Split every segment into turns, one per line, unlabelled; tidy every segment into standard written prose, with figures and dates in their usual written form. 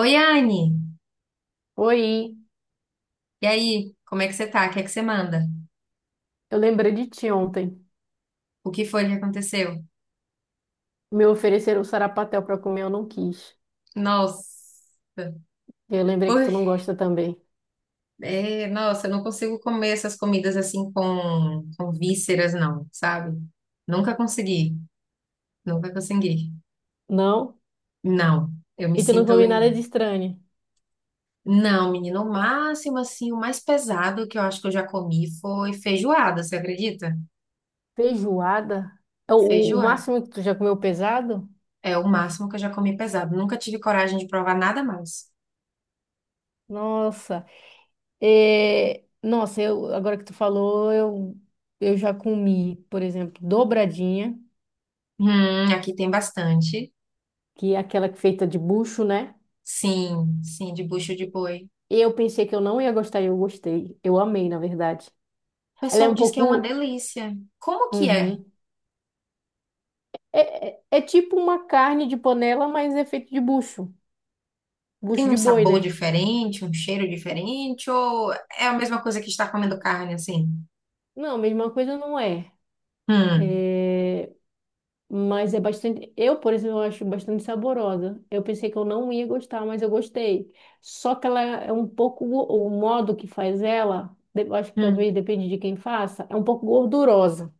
Oi, Anne!
Oi,
E aí, como é que você tá? O que é que você manda?
eu lembrei de ti ontem.
O que foi que aconteceu?
Me ofereceram sarapatel pra comer, eu não quis.
Nossa!
E eu lembrei que
Ui,
tu não gosta também.
é, nossa, eu não consigo comer essas comidas assim com vísceras, não, sabe? Nunca consegui, nunca consegui.
Não?
Não, eu me
E tu não
sinto.
come nada de estranho.
Não, menino, o máximo assim, o mais pesado que eu acho que eu já comi foi feijoada, você acredita?
Feijoada? É O, o
Feijoada.
máximo que tu já comeu pesado?
É o máximo que eu já comi pesado. Nunca tive coragem de provar nada mais.
Nossa. Nossa, agora que tu falou, eu já comi, por exemplo, dobradinha,
Aqui tem bastante.
que é aquela que é feita de bucho, né?
Sim, sim, de bucho de boi. O
E eu pensei que eu não ia gostar e eu gostei. Eu amei, na verdade. Ela é
pessoal
um
diz que é uma
pouco.
delícia. Como que é?
Uhum. É tipo uma carne de panela, mas é feito de bucho.
Tem
Bucho
um
de boi,
sabor
né?
diferente, um cheiro diferente, ou é a mesma coisa que estar comendo carne, assim?
Não, mesma coisa não é.
Hum,
É, Mas é bastante. Eu, por exemplo, eu acho bastante saborosa. Eu pensei que eu não ia gostar, mas eu gostei. Só que ela é um pouco. O modo que faz ela, eu acho que
hum,
talvez depende de quem faça, é um pouco gordurosa.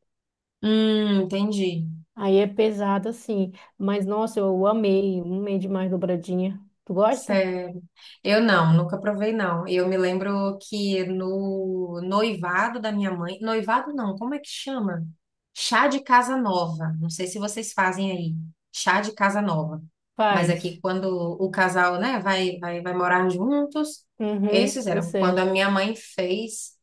hum, entendi.
Aí é pesada, sim. Mas nossa, eu amei. Amei demais dobradinha. Tu gosta?
Sério. Eu não, nunca provei, não. Eu me lembro que no noivado da minha mãe. Noivado não, como é que chama? Chá de casa nova. Não sei se vocês fazem aí. Chá de casa nova. Mas aqui,
Faz.
quando o casal, né, vai morar juntos, eles
Uhum, eu
fizeram. Quando a
sei.
minha mãe fez.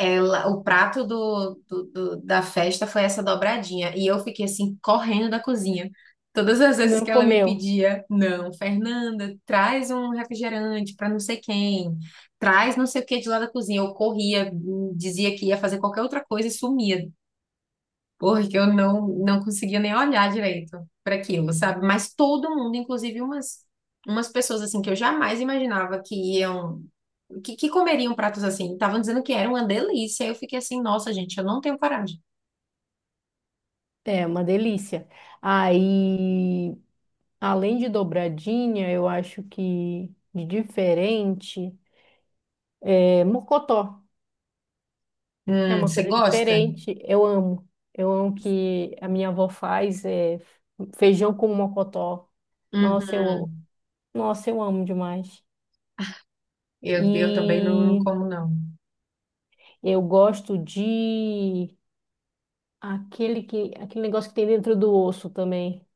Ela, o prato da festa foi essa dobradinha. E eu fiquei assim, correndo da cozinha. Todas as vezes
Não
que ela me
comeu.
pedia, não, Fernanda, traz um refrigerante para não sei quem, traz não sei o que de lá da cozinha. Eu corria, dizia que ia fazer qualquer outra coisa e sumia porque eu não, não conseguia nem olhar direito para aquilo, sabe? Mas todo mundo, inclusive umas, umas pessoas assim que eu jamais imaginava que iam, que comeriam pratos assim, estavam dizendo que era uma delícia. Aí eu fiquei assim, nossa, gente, eu não tenho coragem.
É uma delícia. Aí, além de dobradinha, eu acho que de diferente é mocotó. É uma
Você
coisa
gosta?
diferente. Eu amo. Eu amo que a minha avó faz é, feijão com mocotó. Nossa,
Uhum.
nossa, eu amo demais.
Eu também não
E
como, não.
eu gosto de aquele negócio que tem dentro do osso também.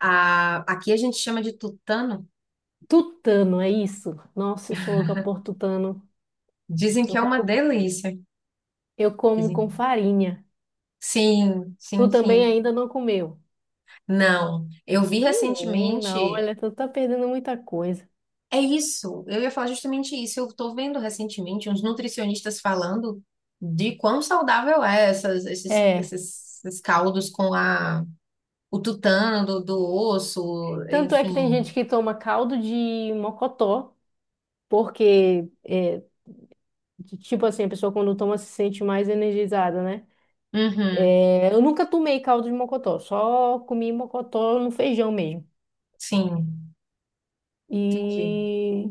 A, aqui a gente chama de tutano.
Tutano, é isso? Nossa, eu sou louca por tutano.
Dizem que
Eu
é uma
como
delícia.
Eu como
Dizem.
com farinha.
Sim,
Tu
sim,
também
sim.
ainda não comeu.
Não, eu vi
Menina,
recentemente.
olha, tu tá perdendo muita coisa.
É isso, eu ia falar justamente isso. Eu estou vendo recentemente uns nutricionistas falando de quão saudável é essas,
É.
esses caldos com o tutano do osso,
Tanto é que tem
enfim.
gente que toma caldo de mocotó, porque, tipo assim, a pessoa quando toma se sente mais energizada, né?
Uhum,
Eu nunca tomei caldo de mocotó, só comi mocotó no feijão mesmo.
sim, entendi.
E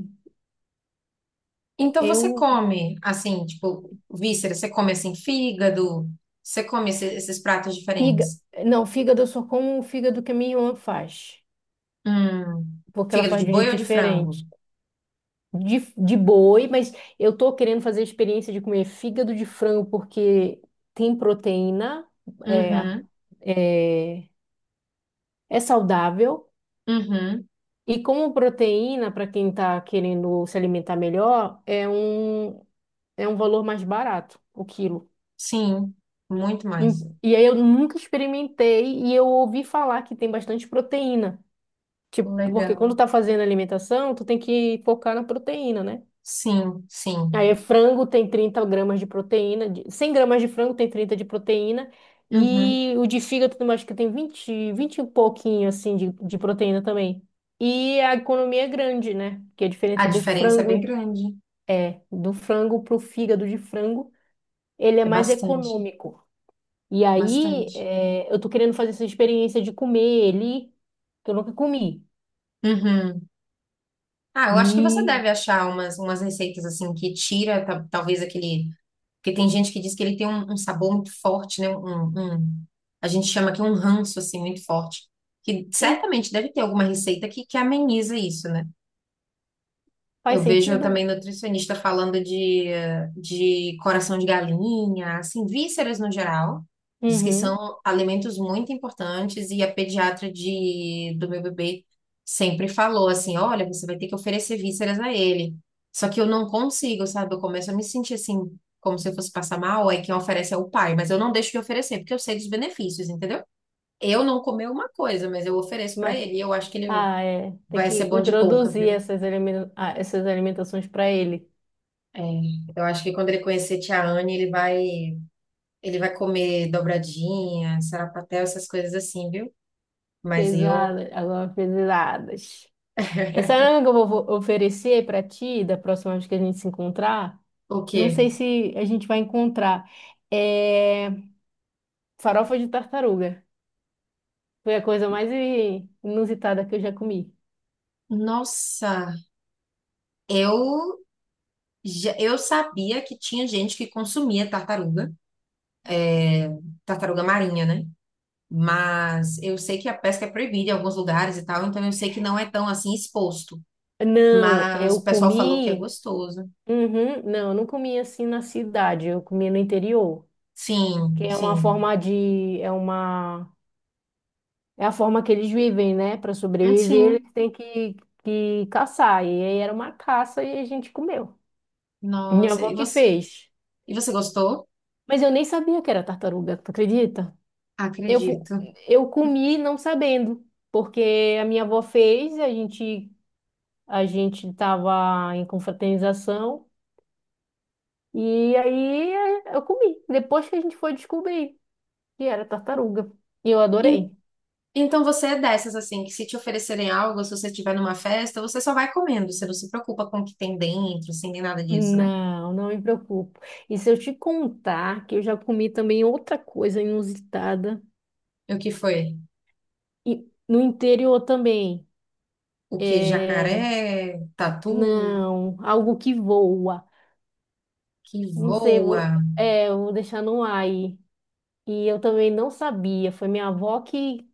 Então você
eu.
come assim, tipo, vísceras, você come assim, fígado, você come esses pratos
Figa,
diferentes.
não, fígado eu só como o fígado que a minha irmã faz,
Hum,
porque ela
fígado
faz
de
de um
boi
jeito
ou de frango?
diferente. De boi, mas eu tô querendo fazer a experiência de comer fígado de frango porque tem proteína, é,
Uhum,
é, é saudável.
uhum,
E como proteína, para quem está querendo se alimentar melhor, é um, valor mais barato o quilo.
sim, muito mais.
E aí eu nunca experimentei e eu ouvi falar que tem bastante proteína. Tipo, porque quando
Legal.
tá fazendo alimentação, tu tem que focar na proteína, né?
Sim,
Aí
sim.
frango tem 30 gramas de proteína, 100 gramas de frango tem 30 de proteína,
Uhum.
e o de fígado também acho que tem 20 20 e pouquinho assim de proteína também. E a economia é grande, né? Porque a
A
diferença do
diferença é bem
frango
grande.
é do frango pro fígado de frango, ele é
É
mais
bastante,
econômico. E aí
bastante.
eu tô querendo fazer essa experiência de comer ele, que eu nunca comi.
Uhum. Ah, eu acho que você
E,
deve achar umas, umas receitas assim que tira talvez aquele. Porque tem gente que diz que ele tem um, um sabor muito forte, né? Um- a gente chama aqui um ranço assim muito forte. Que
e
certamente deve ter alguma receita que ameniza isso, né?
faz
Eu vejo
sentido?
também nutricionista falando de coração de galinha, assim, vísceras no geral. Diz que
Uhum.
são alimentos muito importantes e a pediatra do meu bebê sempre falou assim, olha, você vai ter que oferecer vísceras a ele. Só que eu não consigo, sabe? Eu começo a me sentir assim, como se eu fosse passar mal, aí quem oferece é o pai, mas eu não deixo de oferecer, porque eu sei dos benefícios, entendeu? Eu não comer uma coisa, mas eu ofereço para
Mas.
ele, e eu acho que ele
Ah, é. Tem
vai ser
que
bom de boca,
introduzir
viu?
essas, essas alimentações para ele.
É, eu acho que quando ele conhecer Tia Anne, ele vai comer dobradinha, sarapatel, essas coisas assim, viu? Mas eu,
Pesadas, agora pesadas. Essa é uma que eu vou oferecer para ti, da próxima vez que a gente se encontrar.
o
Não
quê?
sei se a gente vai encontrar. É farofa de tartaruga. Foi a coisa mais inusitada que eu já comi.
Nossa, eu já, eu sabia que tinha gente que consumia tartaruga, tartaruga marinha, né? Mas eu sei que a pesca é proibida em alguns lugares e tal, então eu sei que não é tão assim exposto.
Não,
Mas
eu
o pessoal falou que é
comi.
gostoso.
Uhum, não, eu não comi assim na cidade, eu comi no interior, que
Sim,
é uma
sim.
forma de, é uma é a forma que eles vivem, né? Para sobreviver,
Sim.
eles têm que caçar. E aí era uma caça e a gente comeu. Minha
Nossa,
avó que fez.
e você gostou?
Mas eu nem sabia que era tartaruga, tu acredita? Eu, fu-
Acredito.
eu comi não sabendo, porque a minha avó fez, a gente tava em confraternização e aí eu comi. Depois que a gente foi descobrir que era tartaruga. E eu
E
adorei.
então você é dessas, assim, que se te oferecerem algo, se você estiver numa festa, você só vai comendo, você não se preocupa com o que tem dentro, assim, nem nada disso, né?
Não, não me preocupo. E se eu te contar que eu já comi também outra coisa inusitada
E o que foi?
e no interior também.
O que?
É...
Jacaré, tatu,
Não, algo que voa.
que
Não sei,
voa,
Eu vou deixar no ar aí. E eu também não sabia. Foi minha avó que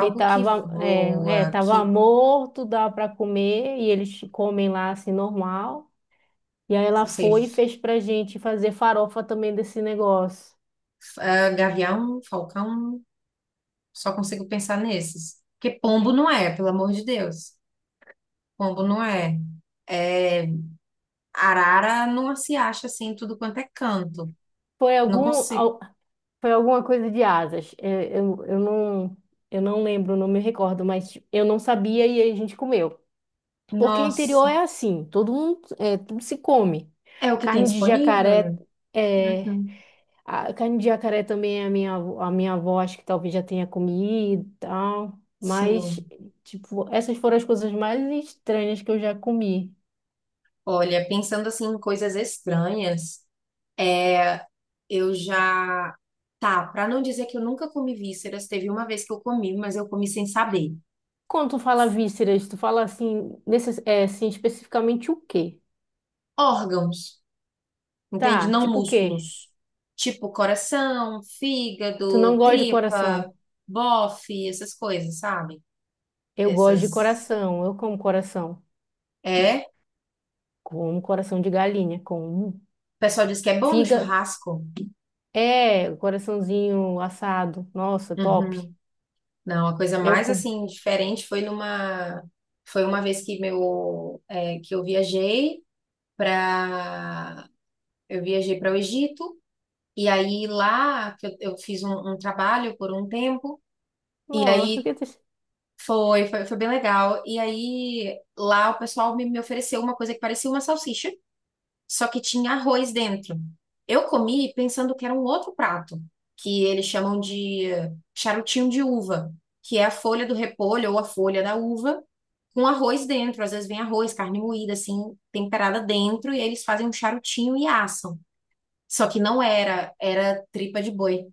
e
que
tava,
voa,
tava
que,
morto, dava para comer e eles comem lá assim normal. E aí ela
não sei,
foi e fez pra gente fazer farofa também desse negócio.
ah, gavião, falcão, só consigo pensar nesses. Porque pombo não é, pelo amor de Deus. Pombo não é. É, arara não se acha assim, em tudo quanto é canto.
Foi
Não
algum,
consigo.
al- Foi alguma coisa de asas. Não, eu não lembro, não me recordo, mas tipo, eu não sabia e aí a gente comeu. Porque interior
Nossa.
é assim, todo mundo, tudo se come.
É o que tem
Carne de
disponível,
jacaré,
né?
é,
Uhum.
a carne de jacaré também é a minha avó acho que talvez já tenha comido e tal. Mas,
Sim.
tipo, essas foram as coisas mais estranhas que eu já comi.
Olha, pensando assim em coisas estranhas, é, eu já. Tá, pra não dizer que eu nunca comi vísceras, teve uma vez que eu comi, mas eu comi sem saber.
Quando tu fala vísceras, tu fala assim, especificamente o quê?
Órgãos, entende?
Tá,
Não
tipo o quê?
músculos. Tipo coração,
Tu não
fígado,
gosta de
tripa,
coração?
bofe, essas coisas, sabe?
Eu gosto de
Essas.
coração, eu como coração.
É.
Como coração de galinha, com
O pessoal diz que é bom no
figa.
churrasco.
É, coraçãozinho assado. Nossa, top.
Uhum. Não, a coisa
Eu
mais
com.
assim diferente foi numa foi uma vez que para eu viajei para o Egito e aí lá que eu fiz um trabalho por um tempo e
Nossa,
aí
que triste.
foi, foi bem legal e aí lá o pessoal me ofereceu uma coisa que parecia uma salsicha só que tinha arroz dentro. Eu comi pensando que era um outro prato que eles chamam de charutinho de uva que é a folha do repolho ou a folha da uva com arroz dentro. Às vezes vem arroz, carne moída, assim, temperada dentro, e eles fazem um charutinho e assam. Só que não era, era tripa de boi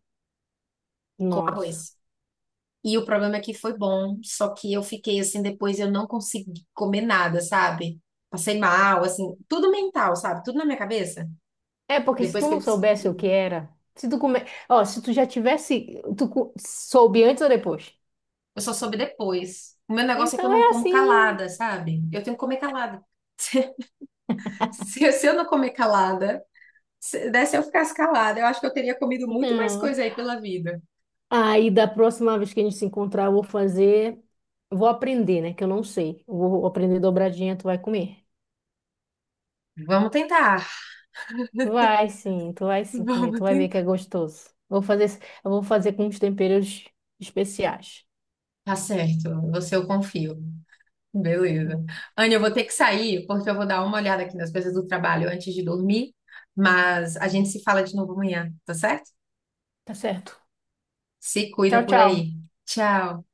com
Nossa.
arroz. E o problema é que foi bom, só que eu fiquei assim, depois eu não consegui comer nada, sabe? Passei mal, assim, tudo mental, sabe? Tudo na minha cabeça.
É, porque se
Depois
tu
que eu
não
descobri.
soubesse o que era, se tu come... Ó, se tu já tivesse, tu soube antes ou depois?
Eu só soube depois. O meu negócio é que eu
Então
não
é
como calada,
assim.
sabe? Eu tenho que comer calada. Se eu não comer calada, se desse eu ficasse calada, eu acho que eu teria comido muito mais
Não.
coisa aí pela vida.
Aí da próxima vez que a gente se encontrar, eu vou fazer, vou aprender, né, que eu não sei. Eu vou aprender dobradinha, tu vai comer.
Vamos tentar.
Tu vai sim, tu vai sim comer,
Vamos
tu vai ver que
tentar.
é gostoso. Eu vou fazer com uns temperos especiais.
Tá certo, você eu confio. Beleza. Anne, eu vou ter que sair porque eu vou dar uma olhada aqui nas coisas do trabalho antes de dormir, mas a gente se fala de novo amanhã, tá certo?
Tá certo.
Se
Tchau,
cuida por
tchau.
aí. Tchau.